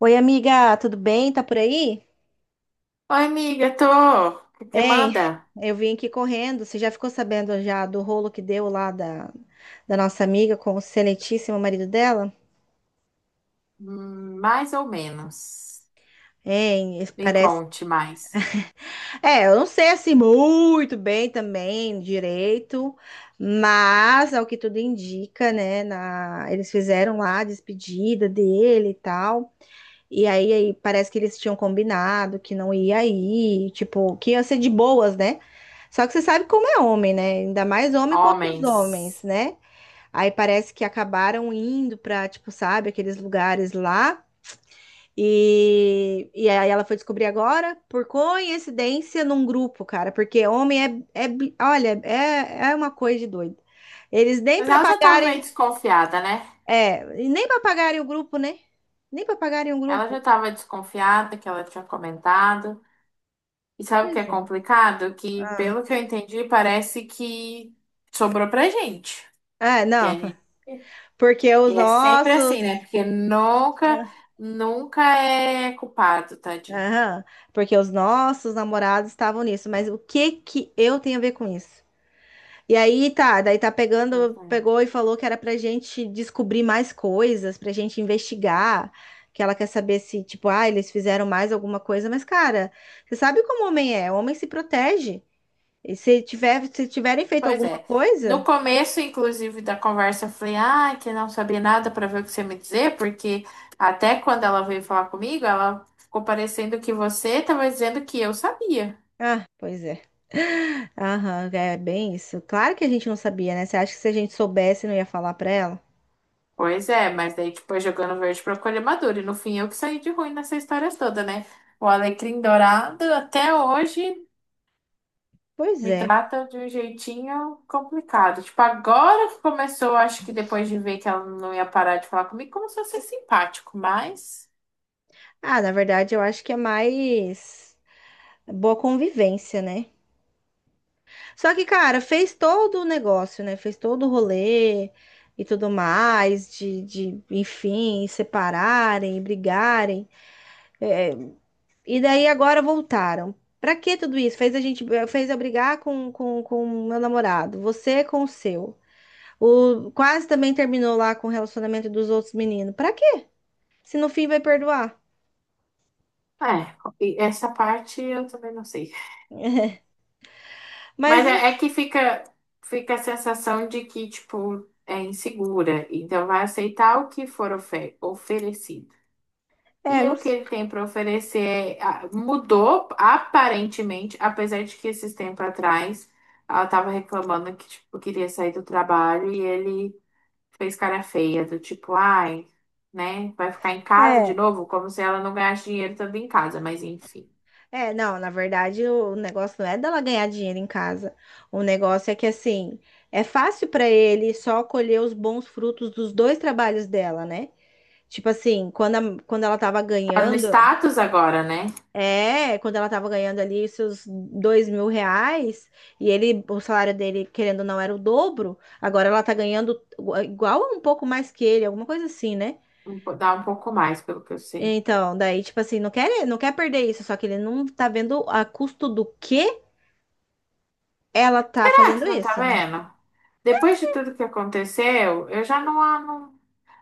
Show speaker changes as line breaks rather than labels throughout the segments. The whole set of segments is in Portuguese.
Oi, amiga, tudo bem? Tá por aí?
Oi, amiga, tô. O que que
Ei,
manda?
eu vim aqui correndo. Você já ficou sabendo já do rolo que deu lá da nossa amiga com o excelentíssimo marido dela?
Mais ou menos.
Hein,
Me
parece.
conte mais.
É, eu não sei assim muito bem também direito, mas ao que tudo indica, né? Eles fizeram lá a despedida dele e tal. E aí, parece que eles tinham combinado que não ia ir, tipo, que ia ser de boas, né? Só que você sabe como é homem, né? Ainda mais homem contra os homens,
Homens.
né? Aí parece que acabaram indo pra, tipo, sabe, aqueles lugares lá. E aí ela foi descobrir agora, por coincidência, num grupo, cara. Porque homem olha, é uma coisa de doido. Eles nem
Mas
pra
ela já tava
pagarem,
meio desconfiada, né?
e nem pra pagarem o grupo, né? Nem pra pagarem o
Ela
grupo.
já tava desconfiada que ela tinha comentado. E sabe o que é
Pois é.
complicado? Que,
Ah,
pelo que eu entendi, parece que sobrou pra gente.
é,
Que a
não.
gente.
Porque os
E é sempre
nossos.
assim, né? Porque nunca, nunca é culpado, tadinho.
Aham, porque os nossos namorados estavam nisso, mas o que que eu tenho a ver com isso? E aí
Pois é.
pegou e falou que era pra gente descobrir mais coisas, pra gente investigar, que ela quer saber se, tipo, ah, eles fizeram mais alguma coisa, mas cara, você sabe como o homem é, o homem se protege. E se tiverem feito
Pois
alguma
é. No
coisa,
começo, inclusive, da conversa, eu falei, ah, que não sabia nada para ver o que você me dizer, porque até quando ela veio falar comigo, ela ficou parecendo que você estava dizendo que eu sabia.
ah, pois é. Aham, é bem isso. Claro que a gente não sabia, né? Você acha que se a gente soubesse, não ia falar pra ela?
Pois é, mas daí, tipo, é jogando verde para colher maduro. E no fim, eu que saí de ruim nessa história toda, né? O Alecrim Dourado, até hoje,
Pois
me
é.
trata de um jeitinho complicado. Tipo, agora que começou, acho que depois de ver que ela não ia parar de falar comigo, começou a ser simpático, mas.
Ah, na verdade, eu acho que é mais boa convivência, né? Só que, cara, fez todo o negócio, né? Fez todo o rolê e tudo mais, de enfim, separarem, brigarem. E daí agora voltaram. Pra que tudo isso? Fez a gente, fez eu brigar com o meu namorado, você com o seu. Quase também terminou lá com o relacionamento dos outros meninos. Pra quê? Se no fim vai perdoar.
É, e essa parte eu também não sei.
Mas
Mas é
enfim,
que fica a sensação de que, tipo, é insegura. Então vai aceitar o que for oferecido.
é,
E
não,
o que ele tem para oferecer mudou, aparentemente, apesar de que esses tempos atrás ela estava reclamando que, tipo, queria sair do trabalho e ele fez cara feia, do tipo, ai, né, vai ficar em casa de
é.
novo, como se ela não ganhasse dinheiro também em casa, mas enfim.
É, não, na verdade o negócio não é dela ganhar dinheiro em casa. O negócio é que assim, é fácil para ele só colher os bons frutos dos dois trabalhos dela, né? Tipo assim, quando ela tava
Tá no
ganhando,
status agora, né?
quando ela tava ganhando ali seus R$ 2.000, e ele, o salário dele, querendo ou não, era o dobro, agora ela tá ganhando igual ou um pouco mais que ele, alguma coisa assim, né?
Dá um pouco mais, pelo que eu sei.
Então, daí, tipo assim, não quer perder isso, só que ele não tá vendo a custo do quê? Ela tá
Será que você
fazendo
não tá
isso, né?
vendo? Depois de tudo que aconteceu, eu já não,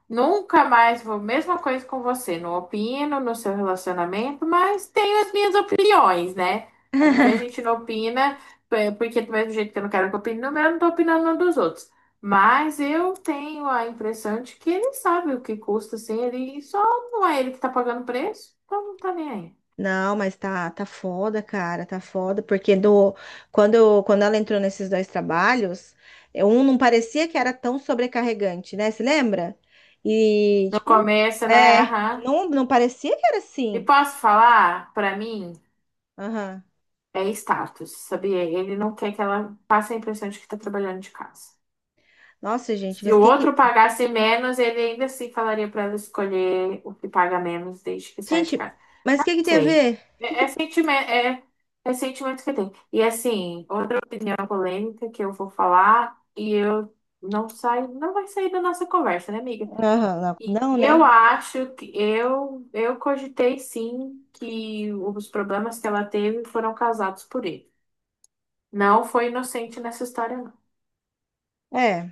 nunca mais vou. Mesma coisa com você. Não opino no seu relacionamento, mas tenho as minhas opiniões, né? É porque a gente não opina, é porque do mesmo jeito que eu não quero que opine no meu, eu não tô opinando no dos outros. Mas eu tenho a impressão de que ele sabe o que custa sem ele, e só não é ele que tá pagando o preço, então não tá nem aí.
Não, mas tá foda, cara, tá foda, porque quando ela entrou nesses dois trabalhos, um não parecia que era tão sobrecarregante, né? Se lembra? E,
No
tipo,
começo, né?
é,
Aham.
não, não parecia que era
E
assim.
posso falar, pra mim,
Aham.
é status, sabia? Ele não quer que ela passe a impressão de que tá trabalhando de casa.
Nossa, gente,
Se
mas
o
que que.
outro pagasse menos, ele ainda assim falaria pra ela escolher o que paga menos desde que saia de
Gente,
casa.
mas
Não
que tem a
sei.
ver?
É
Que...
sentimento, é sentimento que tem. E assim, outra opinião polêmica que eu vou falar e eu não saio, não vai sair da nossa conversa, né, amiga?
Aham, não,
E
não,
eu
né?
acho que eu cogitei sim que os problemas que ela teve foram causados por ele. Não foi inocente nessa história, não.
É,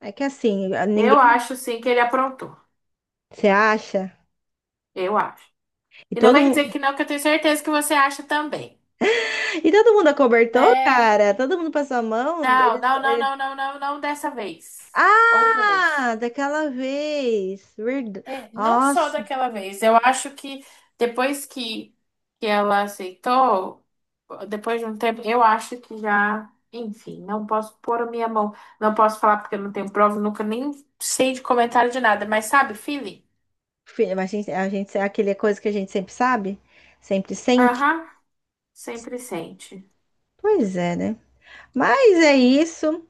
é que assim,
Eu
ninguém
acho sim que ele aprontou.
se acha.
Eu acho.
E
E não
todo
vem dizer
mundo,
que não, que eu tenho certeza que você acha também.
e todo mundo acobertou,
Né?
cara. Todo mundo passou a mão.
Não, não, não, não, não, não, não dessa vez. Outra vez.
Ah, daquela vez. Verdade.
É, não só
Nossa,
daquela vez. Eu acho que depois que ela aceitou, depois de um tempo, eu acho que já, enfim, não posso pôr a minha mão, não posso falar porque eu não tenho prova, nunca nem sei de comentário de nada, mas sabe, feeling?
filha, mas a gente, é aquele é coisa que a gente sempre sabe, sempre sente.
Aham, sempre sente.
Pois é, né? Mas é isso.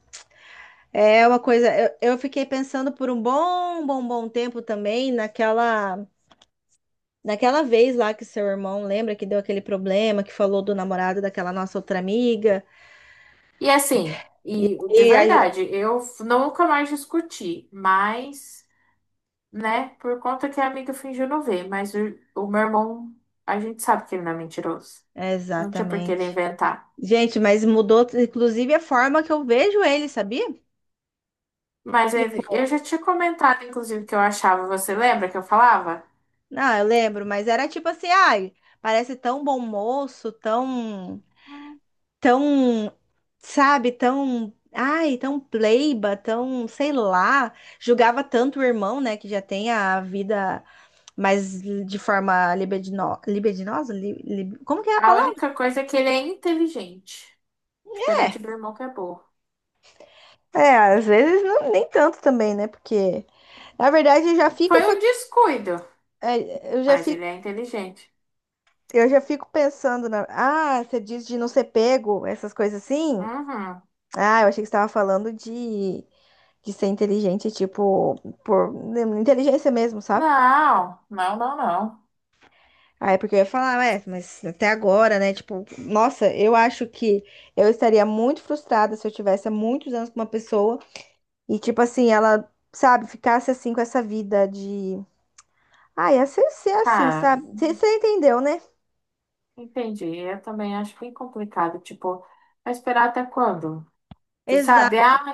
É uma coisa. Eu fiquei pensando por um bom, bom, bom tempo também naquela, naquela vez lá que seu irmão lembra que deu aquele problema, que falou do namorado daquela nossa outra amiga.
E assim,
E,
e de
e a ge-
verdade, nunca mais discuti, mas, né, por conta que a amiga fingiu não ver, mas o meu irmão, a gente sabe que ele não é mentiroso. Não tinha por que ele
Exatamente.
inventar.
Gente, mas mudou, inclusive, a forma que eu vejo ele, sabia?
Eu já tinha comentado, inclusive, que eu achava, você lembra que eu falava?
Não, eu lembro, mas era tipo assim, ai, parece tão bom moço, tão, tão, sabe, tão, ai, tão pleiba, tão, sei lá, julgava tanto o irmão, né, que já tem a vida mais de forma libidinosa, como que é a
A
palavra?
única coisa é que ele é inteligente,
É,
diferente do irmão que é burro.
é, às vezes não, nem tanto também, né? Porque, na verdade, eu já fico
Foi
com, a-
um descuido,
é, eu já
mas ele é
fico,
inteligente.
eu já fico pensando na, ah, você diz de não ser pego, essas coisas assim.
Uhum.
Ah, eu achei que você estava falando de ser inteligente, tipo, por inteligência mesmo, sabe?
Não, não, não, não.
Ah, é porque eu ia falar, ué, mas até agora, né? Tipo, nossa, eu acho que eu estaria muito frustrada se eu tivesse há muitos anos com uma pessoa e, tipo assim, ela, sabe, ficasse assim com essa vida de. Ah, ia ser assim,
Cara,
sabe? Você entendeu, né?
entendi. Eu também acho bem complicado. Tipo, vai esperar até quando? Tu sabe?
Exato.
Ah,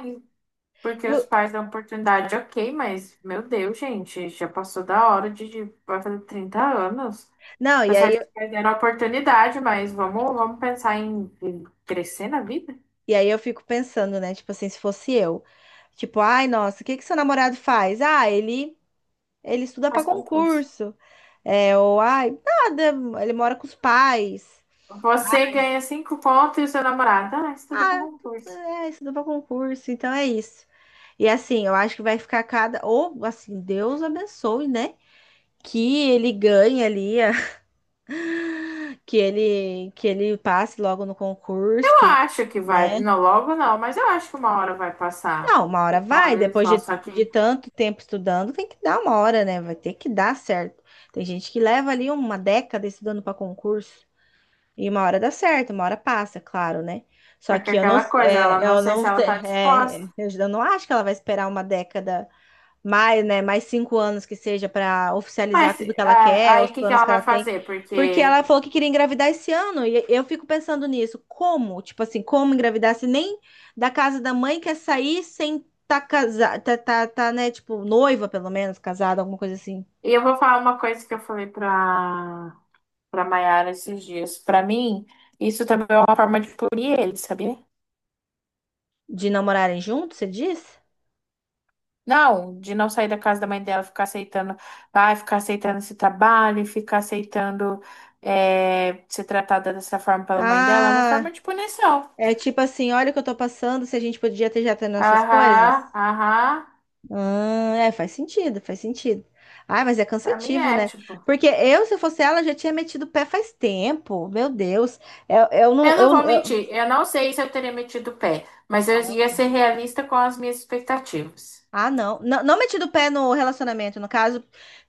porque os
Eu-
pais dão oportunidade, ok, mas, meu Deus, gente, já passou da hora de vai fazer 30 anos.
Não, e
Tá
aí,
certo que perderam a oportunidade, mas vamos pensar em crescer na vida?
e aí eu fico pensando, né? Tipo assim, se fosse eu. Tipo, ai, nossa, o que que seu namorado faz? Ele estuda para
Faz concurso.
concurso. É, ou ai, nada, ele mora com os pais.
Você ganha cinco pontos e o seu namorado. Ah, estuda para
Ah,
concurso.
é, estuda para concurso, então é isso. E assim, eu acho que vai ficar cada. Ou assim, Deus abençoe, né? Que ele ganhe ali, que ele passe logo no concurso,
Eu
que,
acho que vai.
né?
Não, logo não, mas eu acho que uma hora vai passar.
Não, uma hora
E uma
vai,
hora eles
depois
vão.
de,
Só
de tanto tempo estudando, tem que dar uma hora, né? Vai ter que dar certo. Tem gente que leva ali uma década estudando para concurso. E uma hora dá certo, uma hora passa, claro, né? Só
que é
que eu não,
aquela coisa, ela
é,
não
eu
sei
não,
se ela tá disposta.
é, eu não acho que ela vai esperar uma década mais, né? Mais 5 anos que seja para oficializar
Mas
tudo que ela
ah,
quer, os
aí o que que
planos
ela
que
vai
ela tem.
fazer?
Porque
Porque.
ela falou que queria engravidar esse ano, e eu fico pensando nisso. Como? Tipo assim, como engravidar se nem da casa da mãe quer sair sem tá casada, tá, tá, tá, né? Tipo, noiva, pelo menos, casada, alguma coisa assim.
E eu vou falar uma coisa que eu falei pra Mayara esses dias. Pra mim, isso também é uma forma de punir ele, sabia?
De namorarem juntos, você diz?
Não, de não sair da casa da mãe dela, ficar aceitando, vai ficar aceitando esse trabalho, e ficar aceitando é, ser tratada dessa forma pela mãe dela, é uma
Ah.
forma de punição.
É tipo assim, olha o que eu tô passando, se a gente podia ter já ter nossas
Aham,
coisas.
aham,
Ah, é, faz sentido, faz sentido. Ah, mas é
pra mim
cansativo,
é,
né?
tipo.
Porque eu, se fosse ela, já tinha metido o pé faz tempo. Meu Deus. Eu não.
Eu não vou mentir, eu não sei se eu teria metido o pé, mas eu ia
Nossa.
ser realista com as minhas expectativas.
Ah, não. Não, não metido o pé no relacionamento, no caso.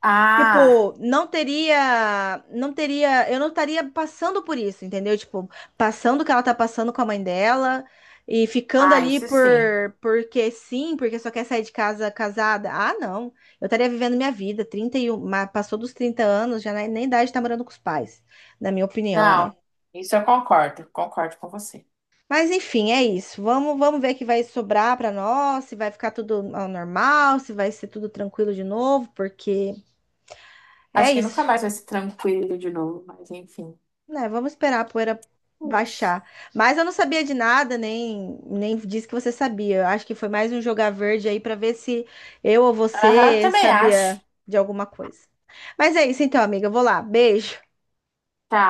Ah,
Tipo, não teria, não teria, eu não estaria passando por isso, entendeu? Tipo, passando o que ela tá passando com a mãe dela e ficando
ah,
ali
isso sim.
porque sim, porque só quer sair de casa casada. Ah, não. Eu estaria vivendo minha vida, 31, passou dos 30 anos, já nem idade tá morando com os pais, na minha opinião, né?
Não, isso eu concordo com você.
Mas enfim, é isso. Vamos ver o que vai sobrar pra nós, se vai ficar tudo ao normal, se vai ser tudo tranquilo de novo, porque é
Acho que nunca
isso.
mais vai ser tranquilo de novo, mas enfim.
Né, vamos esperar a poeira
É isso.
baixar. Mas eu não sabia de nada, nem disse que você sabia. Eu acho que foi mais um jogar verde aí para ver se eu ou
Aham,
você
também
sabia
acho.
de alguma coisa. Mas é isso então, amiga. Eu vou lá. Beijo.
Tá.